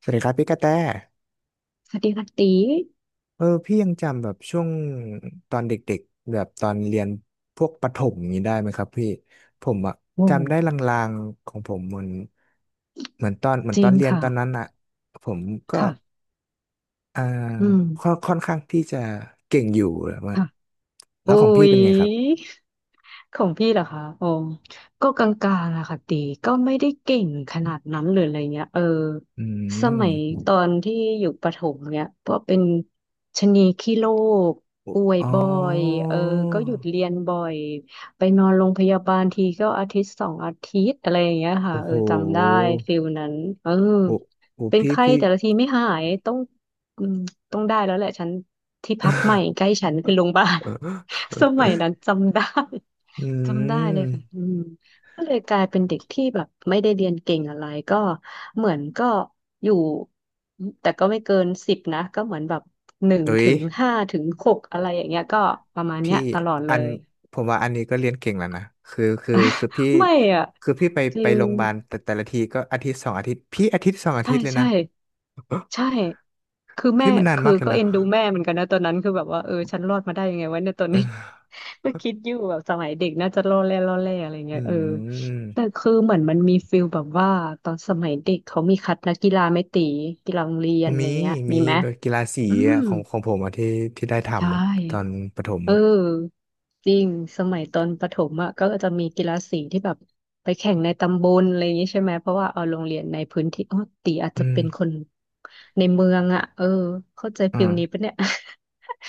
สวัสดีครับพี่กระแตสวัสดีค่ะตีพี่ยังจำแบบช่วงตอนเด็กๆแบบตอนเรียนพวกประถมอย่างนี้ได้ไหมครับพี่ผมอะโอ้จำได้ลางๆของผมเหมือนเหมือนจตริอนงเรียนค่ะตอนนั้นอะผมก็ค่ะอ่าอืมค่อนข้างที่จะเก่งอยู่แล้วาค่ะแล้โอ้วของพี่ย เป็นไงครับของพี่เหรอคะโอ้ก็กลางๆอะค่ะตีก็ไม่ได้เก่งขนาดนั้นหรืออะไรเงี้ยเอออืสมมัยตอนที่อยู่ประถมเนี้ยก็เป็นชะนีขี้โรคโอป่วยอ๋อบ่อยเออก็หยุดเรียนบ่อย ไปนอนโรงพยาบาลทีก็อาทิตย์สองอาทิตย์อะไรอย่างเงี้ยค่ะโอ้เอโหอจำได้ฟิลนั้นเออโอ้โหเป็นพี่ไข้พี่ แต่ละทีไม่หายต้องอืมต้องได้แล้วแหละฉันที่พักใหม่ใกล้ฉันคือโรงพยาบาล สมัย นั้นจำได้อืจำได้เลยค่ะอืมมก็เลยกลายเป็นเด็กที่แบบไม่ได้เรียนเก่งอะไรก็เหมือนก็อยู่แต่ก็ไม่เกิน10นะก็เหมือนแบบหนึ่งเอ้ย ถึงห้าถึงหกอะไรอย่างเงี้ยก็ประมาณเนี้พี่ยตลอดเลอันย ผมว่าอันนี้ก็เรียนเก่งแล้วนะคือพี่ ไม่อ่ะคือพี่ไปจไปริง โรงพยาบาลแต่ละทีก็อาทิตย์สองอาทิตย์พี่อาทิตย์สองอาใช่ทิตย์เลยใช่นะ ใช่คือ พี่แม่มันนานคือมากเลยก็นะเอ็นดูแม่เหมือนกันนะตอนนั้นคือแบบว่าเออฉันรอดมาได้ยังไงวะเนี่ยตอนเอนี้ อ ก็คิดอยู่แบบสมัยเด็กน่าจะล่อแร่ล่อแร่อะไรอืเงี้ยเออแต่มคือเหมือนมันมีฟิลแบบว่าตอนสมัยเด็กเขามีคัดนักกีฬาไหม่ตีกีฬาโรงเรียนอะมีไรเงี้ยมีมีไหมแบบกีฬาสีอืมอะของผมอะที่ได้ใช่ ทำอะตอนประถมเออะอจริงสมัยตอนประถมอ่ะก็จะมีกีฬาสีที่แบบไปแข่งในตำบลอะไรอย่างนี้ใช่ไหมเพราะว่าเอาโรงเรียนในพื้นที่อ๋อตีอาจอืจะม เป็นคนในเมืองอ่ะเออเข้าใจฟิลนี้ปะเนี่ย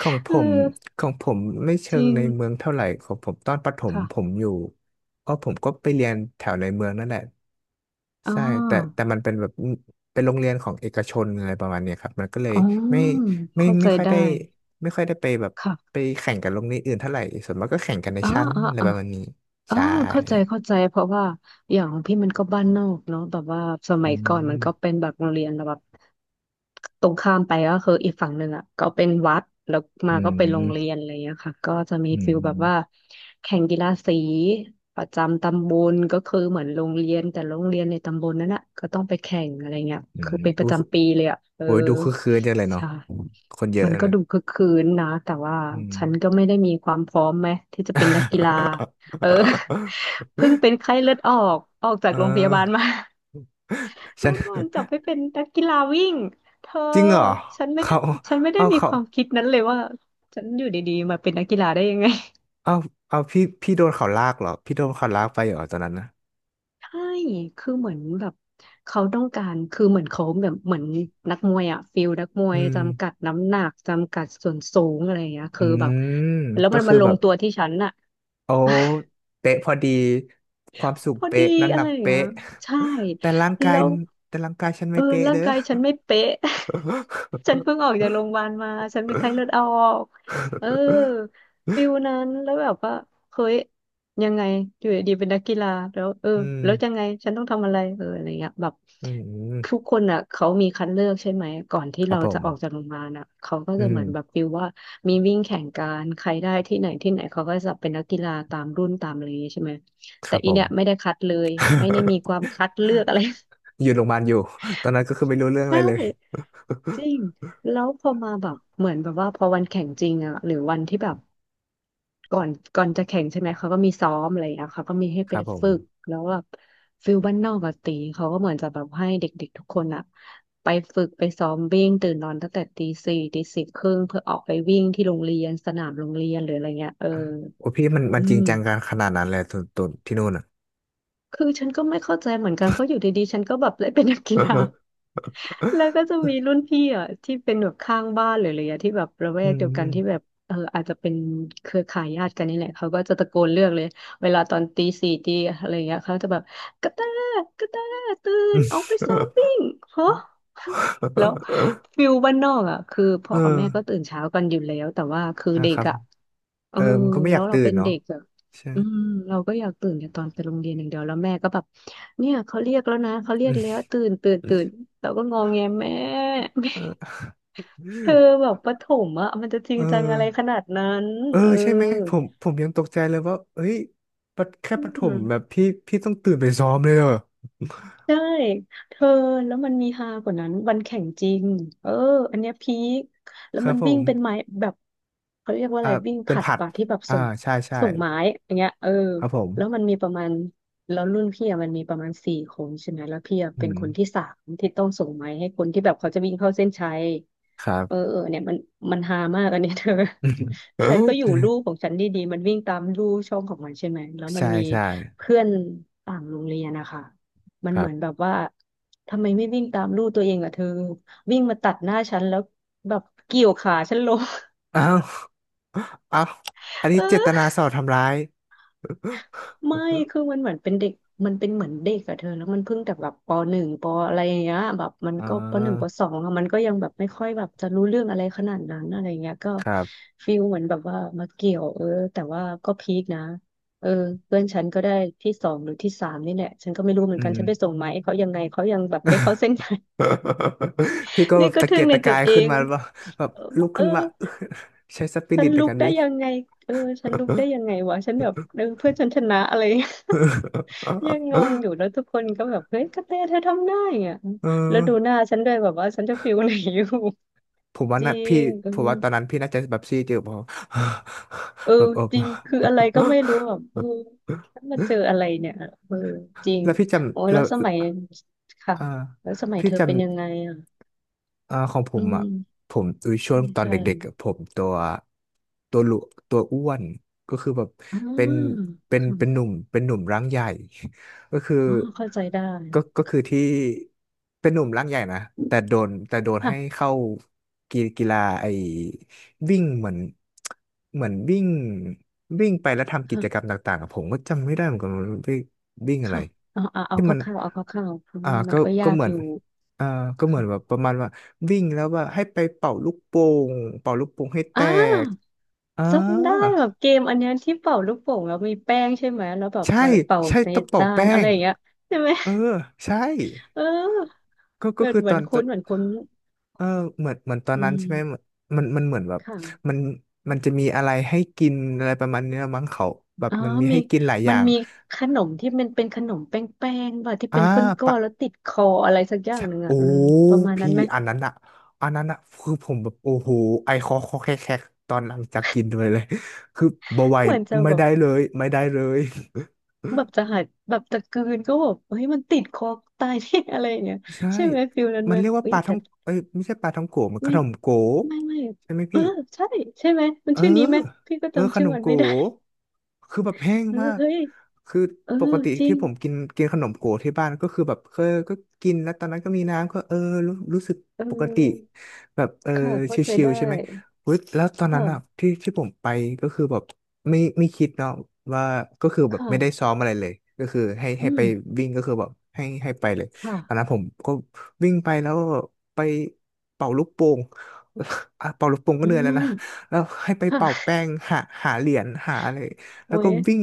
ของ ผเอมอของผมไม่จเชิงริงในเมืองเท่าไหร่ของผมตอนประถมผมค่ะอยู่ผมก็ไปเรียนแถวในเมืองนั่นแหละอ๋อใช่แต่มันเป็นแบบเป็นโรงเรียนของเอกชนอะไรประมาณเนี้ยครับมันก็เลยอ๋อไม่ไม่เข้าใจไม่ค่อยได้ได้ไม่ค่อยได้ไปแบบไปค่ะแข่งกับโรงเรียนอื่นเท่าไหร่ส่วนมากก็แข่งกันในอ๋อชั้นอ๋ออะไรอ๋อ ประมาณนี้เออใช่เข้าใจเข้าใจเพราะว่าอย่างของพี่มันก็บ้านนอกเนาะแบบว่าสอืมัยก่อนมันมก็เป็นแบบโรงเรียนแบบตรงข้ามไปก็คืออีกฝั่งหนึ่งอ่ะก็เป็นวัดแล้วอืมาก็เป็นโรงเรียนมอะไรอย่างเงี้ยค่ะก็จะมีอืฟิลแบบว่ามแข่งกีฬาสีประจำตำบลก็คือเหมือนโรงเรียนแต่โรงเรียนในตำบลนั้นอ่ะก็ต้องไปแข่งอะไรเงี้ยอืมคือเป็นปอุ้ระยจำปีเลยอ่ะเออโอ้ยดูคือคืนจังเลยเนาะใช่คนเยอะมันก็นะดูคึกคืนนะแต่ว่าอืม ฉันก็ไม่ได้มีความพร้อมไหมที่จะเป็นนักกีฬา เออ เพิ่งเป็นไข้เลือดออกออกจาเกโรงพยาบาลออมา ฉัแล้นวโดนจับไปเป็นนักกีฬาวิ่งเธอจริงเหรอฉันไม่ได้เขาฉันไม่ได้เอามีคเขาวามคิดนั้นเลยว่าฉันอยู่ดีๆมาเป็นนักกีฬาได้ยังไง เอาเอาพี่โดนเขาลากเหรอพี่โดนเขาลากไปเหรอตอนนั้นนะ ใช่คือเหมือนแบบเขาต้องการคือเหมือนเขาแบบเหมือนนักมวยอะฟิลนักมวอืยมจำกัดน้ำหนักจำกัดส่วนสูงอะไรอย่างเงี้ยอืคือแบบมแล้วก็มันคืมาอลแบงบตัวที่ฉันอะโอ้เป๊ะพอดีความสูพงอดีเป๊ะน้ำหอะนัไรกอย่างเงี้ยเป๊ะใช่แต่ร่างกาแล้ยวแต่ร่างกายฉันเอไม่อเป๊ะร่าเด้งอ กายฉันไม่เป๊ะ ฉันเพิ่งออกจากโรงพยาบาลมา ฉันเป็นไข้เลือดออกเออฟิลนั้นแล้วแบบว่าเฮ้ยยังไงอยู่ดีๆเป็นนักกีฬาแล้วเออ อืมแล้วยังไงฉันต้องทำอะไรเอออะไรเงี้ยแบบอืทุกมคนอ่ะเขามีคัดเลือกใช่ไหมก่อนที่ครับเราผจะออกจากมโรงพยาบาลอ่ะเขาก็อืจะเหมือนแบบมฟิลว่ามีวิ่งแข่งกันใครได้ที่ไหนที่ไหนเขาก็จะเป็นนักกีฬาตามรุ่นตามอะไรอย่างงี้ใช่ไหมคแต่รับอีผม เนี่ยไม่ได้คัดเลย ไม่ได้มีความคัดเลือกอะไร อยู่โรงพยาบาลอยู่ ตอนนั้นก็คือไม่รู้เรื่องอะใช่ ไรเลย จริง แล้วพอมาแบบเหมือนแบบว่าพอวันแข่งจริงอะหรือวันที่แบบก่อนก่อนจะแข่งใช่ไหมเขาก็มีซ้อมอะไรอย่างเงี้ยเขาก็มีให้คไปรับผมฝึกแล้วแบบฟิลบ้านนอกอะตีเขาก็เหมือนจะแบบให้เด็กๆทุกคนอะไปฝึกไปซ้อมวิ่งตื่นนอนตั้งแต่ตีสี่ตี 4 ครึ่งเพื่อออกไปวิ่งที่โรงเรียนสนามโรงเรียนหรืออะไรเงี้ยเออโอ้พี่มันอืมันจริมงจังกันขนาดนั้นเลยตัวที่นู่นอ่ะ คือฉันก็ไม่เข้าใจเหมือนกันเพราะอยู่ดีๆฉันก็แบบได้เป็นนักกีฬา แล้วก็จะมีรุ่นพี่อ่ะที่เป็นแบบข้างบ้านหรืออะไรอย่างเงี้ยที่แบบระแว อืกเดียวกันม ที่แบบเอออาจจะเป็นเครือข่ายญาติกันนี่แหละเขาก็จะตะโกนเรียกเลยเวลาตอนตีสี่ตีอะไรอย่างเงี้ยเขาจะแบบกระแตกระแตตื่ นอืออกไปซ้อมวิ่งฮะม แล้ว ฟิลบ้านนอกอ่ะคือพ่เอออกับแม่ก็ตื่นเช้ากันอยู่แล้วแต่ว่าคืออ่ะเด็คกรับอ่ะ เอเอออมันก็ไม่อแล้ยาวกเราตื่เป็นนเนาะเด็กอะใช่ อืมเราก็อยากตื่นแต่ตอนไปโรงเรียนอย่างเดียวแล้วแม่ก็แบบเนี่ยเขาเรียกแล้วนะเขาเรี ยอืกแล้มวตื่นตื่นตื่นเราก็งอแงแม่ เออเธอแบบประถมอะมันจะจริเองจังออะไรขนาดนั้นเออเออใช่ไหมผมยังตกใจเลยว่าเฮ้ยปะแค่อืประถม มแบบพี่ต้องตื่นไปซ้อมเลยเหรอใช่เธอแล้วมันมีฮากว่านั้นวันแข่งจริงเอออันเนี้ยพีคแล้ควรัมับนผวิ่งมเป็นไม้แบบเขาเรียกว่าอะอ่าไรวิ่งผเป็นลัดผัดป่ะที่แบบอ่าส่งใช่ใช่ส่งไม้อย่างเงี้ยเออครับผมแล้วมันมีประมาณแล้วรุ่นพี่อะมันมีประมาณสี่คนใช่ไหมแล้วพี่อะอืเป็นมคนที่สามที่ต้องส่งไม้ให้คนที่แบบเขาจะวิ่งเข้าเส้นชัยครัเออบ เออเนี่ยมันฮามากอันเนี้ยเธอ ฉันก็อยู่ลู่ของฉันดีๆมันวิ่งตามลู่ช่องของมันใช่ไหมแล้วมัใช่นมีใช่เพื่อนต่างโรงเรียนนะคะ มัคนเหรัมือนแบบบว่าทำไมไม่วิ่งตามลูกตัวเองอะเธอวิ่งมาตัดหน้าฉันแล้วแบบเกี่ยวขาฉันล้ม อ้าวอ้าวอัน นี้เอเจตนาอสอดทำร้ายไม่คือมันเหมือนเป็นเด็กมันเป็นเหมือนเด็กอะเธอแล้วมันเพิ่งแต่แบบปหนึ่งปอะไรอย่างเงี้ยแบบมันอ่าก็ปหนึ่งปสองอะมันก็ยังแบบไม่ค่อยแบบจะรู้เรื่องอะไรขนาดนั้นอะไรเงี้ยก็ครับฟีลเหมือนแบบว่ามาเกี่ยวเออแต่ว่าก็พีคนะเออเพื่อนฉันก็ได้ที่สองหรือที่สามนี่แหละฉันก็ไม่รู้เหมือือนกันม ฉันไปส่งไหมเขายังไงเขายังแบบได้เข้าเส้นใย พี่ก็แบนี่บก็ตะทึ่เกียงกในตะตักาวยเอขึ้นงมาแบบเออลุกเออขึ้นมา ใช้สปิฉัรินตในลุกากรได้วิ่ง ยังไงเออฉันลุกได้ยังไงวะฉันแบบเออเพื่อนฉันชนะอะไร ยังงง อยู่แล้วทุกคนก็แบบเฮ้ยกระแตเธอทำได้อ่ะเออแล้วดูหน้าฉันด้วยแบบว่าฉันจะฟิลไหนอยู่ ผมว่า จริน่ะพี่งเออผมว่าตอนนั้นพี่น่าจะแบบซีดอยู่พอ เออ แบบเออ จริงคืออะไรก็ไม่รู้แบบเออฉั นมาเจออะไรเนี่ยเออจริงแล้วพี่จโอ้ยำแล้แล้ววสมัยค่ะอ่าแล้วสมัยพี่เธอจเป็นยังไงำ อ่ะอ่าของผอืมอ่ะมผมอุยช่วใช่งตอนใช่เด็กๆอะผมตัวหลุตัวอ้วนก็คือแบบอ๋เป็นอค่ะ เป็นหนุ่มร่างใหญ่ ก็คืออ๋อเข้าใจได้ก็คือค่ะที่เป็นหนุ่มร่างใหญ่นะแต่โดนให้ค่ะเข้ากีฬาไอ้วิ่งเหมือนเหมือนวิ่งวิ่งไปแล้วทำกิจกรรค่ะมต่างๆอะผมก็จำไม่ได้เหมือนกันว่าวิ่งวิ่งอะไรค่ะเอาเอาเอาที่คมันร่าวๆเอาคร่าวๆเพราะอ่าว่ามันก็ก็ยากเหมืออนยู่อ่าก็เหมือนแบบค่ะประมาณว่า วิ่งแล้วแบบให้ไปงเป่าลูกโป่งให้แตอ่ากอ่าจำได้แบบเกมอันเนี้ยที่เป่าลูกโป่งแล้วมีแป้งใช่ไหมแล้วแบบใช่เป่าใช่ในต้องเป่าจานแป้อะไรงอย่างเงี้ยใช่ไหมเออใช่เออก็เหก็มือนคือเหมืตออนนตอคุ้นนเหมือนคุ้นเออเหมือนตอนอืนั้นมใช่ไหมเหมือนมันเหมือนแบบค่ะมันมันจะมีอะไรให้กินอะไรประมาณเนี้ยมั้งเขาแบบอ๋อมันมีมีให้กินหลายอมันย่างมีขนมที่มันเป็นขนมแป้งๆป่ะที่อ่าเป็นก้อปะ นๆแล้วติดคออะไรสักอย่างใช่หนึ่งโอ้อ่ะอืมประมาณนั้พี่นไหมอันนั้นอะคือผมแบบโอ้โหไอคอคอแคกแคกตอนหลังจากกินไปเลย คือบ่ไหวเหมือนจะแบบ ไม่ได้เลย แบบจะหายแบบจะกลืนก็แบบเฮ้ยมันติดคอตายที่ อะไรอย่างเงี้ย ใช่ใช่ไหมฟิลนั้นมัไหมนเรียกว่าเฮ้ปยลาท่แต่องเอ้ยไม่ใช่ปลาท่องโกะมันขไม่นมโกะไม่ไม่ใช่ไหมเออพี่ ใช่ใช่ไหมมันเออ ชื่อนี้ไหมพี่ก็เออขจำชื่นอมมันโก๋ไม่ได้ คือแบบแห้ งเออมากเฮ้ยคือเออปกติจริที่งผมกินกินขนมโก๋ที่บ้านก็คือแบบเคยก็กินแล้วตอนนั้นก็มีน้ำก็เออรู้สึกเปกติออแบบเออค่ะชเข้าใจิลได้ๆใช่ไหมเฮ้ยแล้วตอนนั้นอ่ะค่ะที่ผมไปก็คือแบบไม่คิดเนาะว่าก็คือแบบค่ะไม่ได้ซ้อมอะไรเลยก็คืออืให้มไปวิ่งก็คือแบบให้ไปเลยตอนค่ะนั้นผมก็วิ่งไปแล้วไปเป่าลูกโป่ง อ่ะเป่าลูกโป่งก็อืเหนื่อยแล้วมนะ แล้วให้ไปค่ะเป่าแป้งหาเหรียญหาอะไรแล้โอ้วก็ยวิ่ง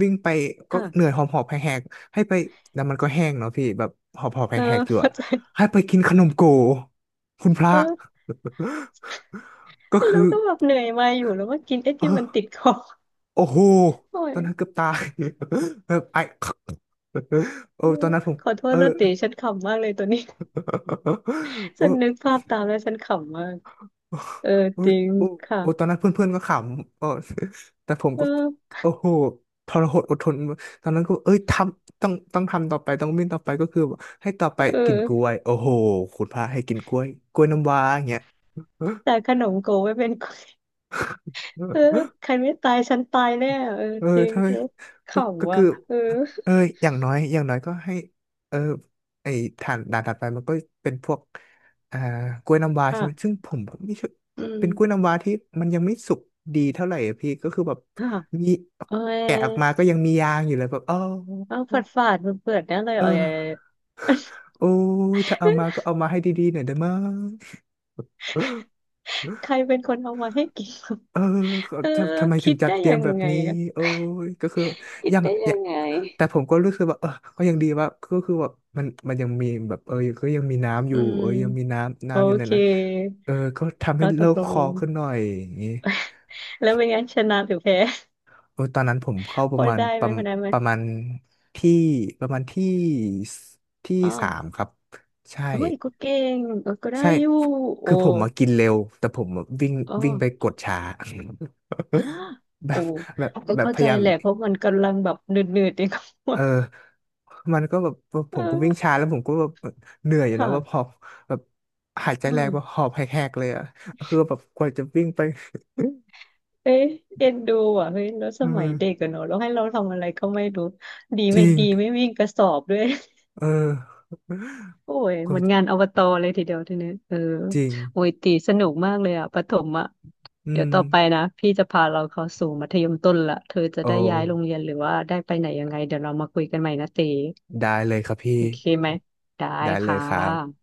วิ่งไปก็เหนื่ค่ะอยหอบหอบแหกๆให้ไปแล้วมันก็แห้งเนาะพี่แบบหอบหอบเออแหกๆอยู่เข้าอะใจให้ไปกินขนมโกคุณพระ เออ ก็แล้คืวอก็แบบเหนื่อยมาอยู่แล้วว่ากินไอ้ที่มันติเออดคอโอ้โหโอ้ตยอนนั้นเกือบตาย แบบไอ โออืตอมนนั้นผมขอโทเอษอ นะติฉันขำมากเลยตัวนี้ โอ้ ฉันนึกภาพตามแล้วฉันขำมากเอออุ้จยริงอุ้ยโอ้ตอค่ะนนั้นเพื่อนๆก็ขำก็ แต่ผมเอก็อโอ้โหทรหดอดทนตอนนั้นก็เอ้ยต้องทำต่อไป ต้องวิ่งต่อไปก็คือให้ต่อไปเอกินกล้วอย โอ้โหคุณพระให้กินกล้วยน้ำว้าอย่างเงี้ย เออแต่ขนมโกไว้เป็น เออใครไม่ตายฉันตายแน่เออเออจริงทำไมเออขก็ำว่ะคือ เออเอออย่างน้อยก็ให้เออไอ้ฐานด่านถัดไปมันก็เป็นพวกอ่ากล้วยน้ำว้าอ่ะใช่ไหม ซึ่งผมแบบไม่ชอบอืมเป็นกล้วยน้ำว้าที่มันยังไม่สุกดีเท่าไหร่อะพี่ ก็คือแบบอ่ะมีเอแกะออกอมาก็ยังมียางอยู่เลยแบบอ๋อเอาฝาดฝาดเปิดๆนั่นเลยเอเอออ โอ้ยถ้าเอามาก็ เอามาให้ดีๆหน่อยได้มั้ย ใครเป็นคนเอามาให้กิน เออก็ เออทำไมถึคิงดจัดได้เตรียัยมงแบบไงนี้อะโอ้ยก็คือคิดยังได้อยัย่างงไงแต่ผมก็รู้สึกว่าเออก็ยังดีว่าก็คือว่ามันยังมีแบบเออก็ยังมีน้ำออืยู่มเออยังมีน้ำโออยู่ในเคนั้นเออก็ทำให้แล้วตโล่กงลคองขึ้นหน่อยอย่างนี้แล้วเป็นไงชนะหรือแพ้ โอ้ยตอนนั้นผมเข้าพอได้ไหมพอได้ไหมประมาณที่ประมาณสที่อ๋อ สามครับ ใช่ เอ้ยก็เก่งเออก็ได้ใช่ อยู่โอ้คือผมมากินเร็ว แต่ผมอะวิ่งอ๋อวิ่งไปกดช้า อ่า แบโอ้บ แบบก็แบบเข้าพใจยายามแหละเพราะมันกำลังแบบเหนื่อยๆเอง เออมันก็แบบ ผมก็วิ่งเออช้าแล้วผมก็แบบเหนื่อยอยู่เนอะแบบหค่ะอบแบบหายใจเอแรงแบบหออบแหกๆเลยอ่ะคือแบบกว่าจะวิ่งไป เอ๊ะเอ็นดูอ่ะเฮ้ยแล้วส มัยเออเด็กกันเนอะแล้วให้เราทำอะไรก็ไม่รู้ดีจไม่ริงดีไม่วิ่งกระสอบด้วย เออโอ้ยก็เหมือนงานอบตเลยทีเดียวทีนี้เออจริงโอ้ยตีสนุกมากเลยอ่ะประถมอ่ะอืเดี๋ยมวต่อไปนะพี่จะพาเราเข้าสู่มัธยมต้นละเธอจะโอ้ได้ย้ายโรงเรียนหรือว่าได้ไปไหนยังไงเดี๋ยวเรามาคุยกันใหม่นะตี ได้เลยครับโอพี่เคไหม ได้ได้เลยค่ะครับ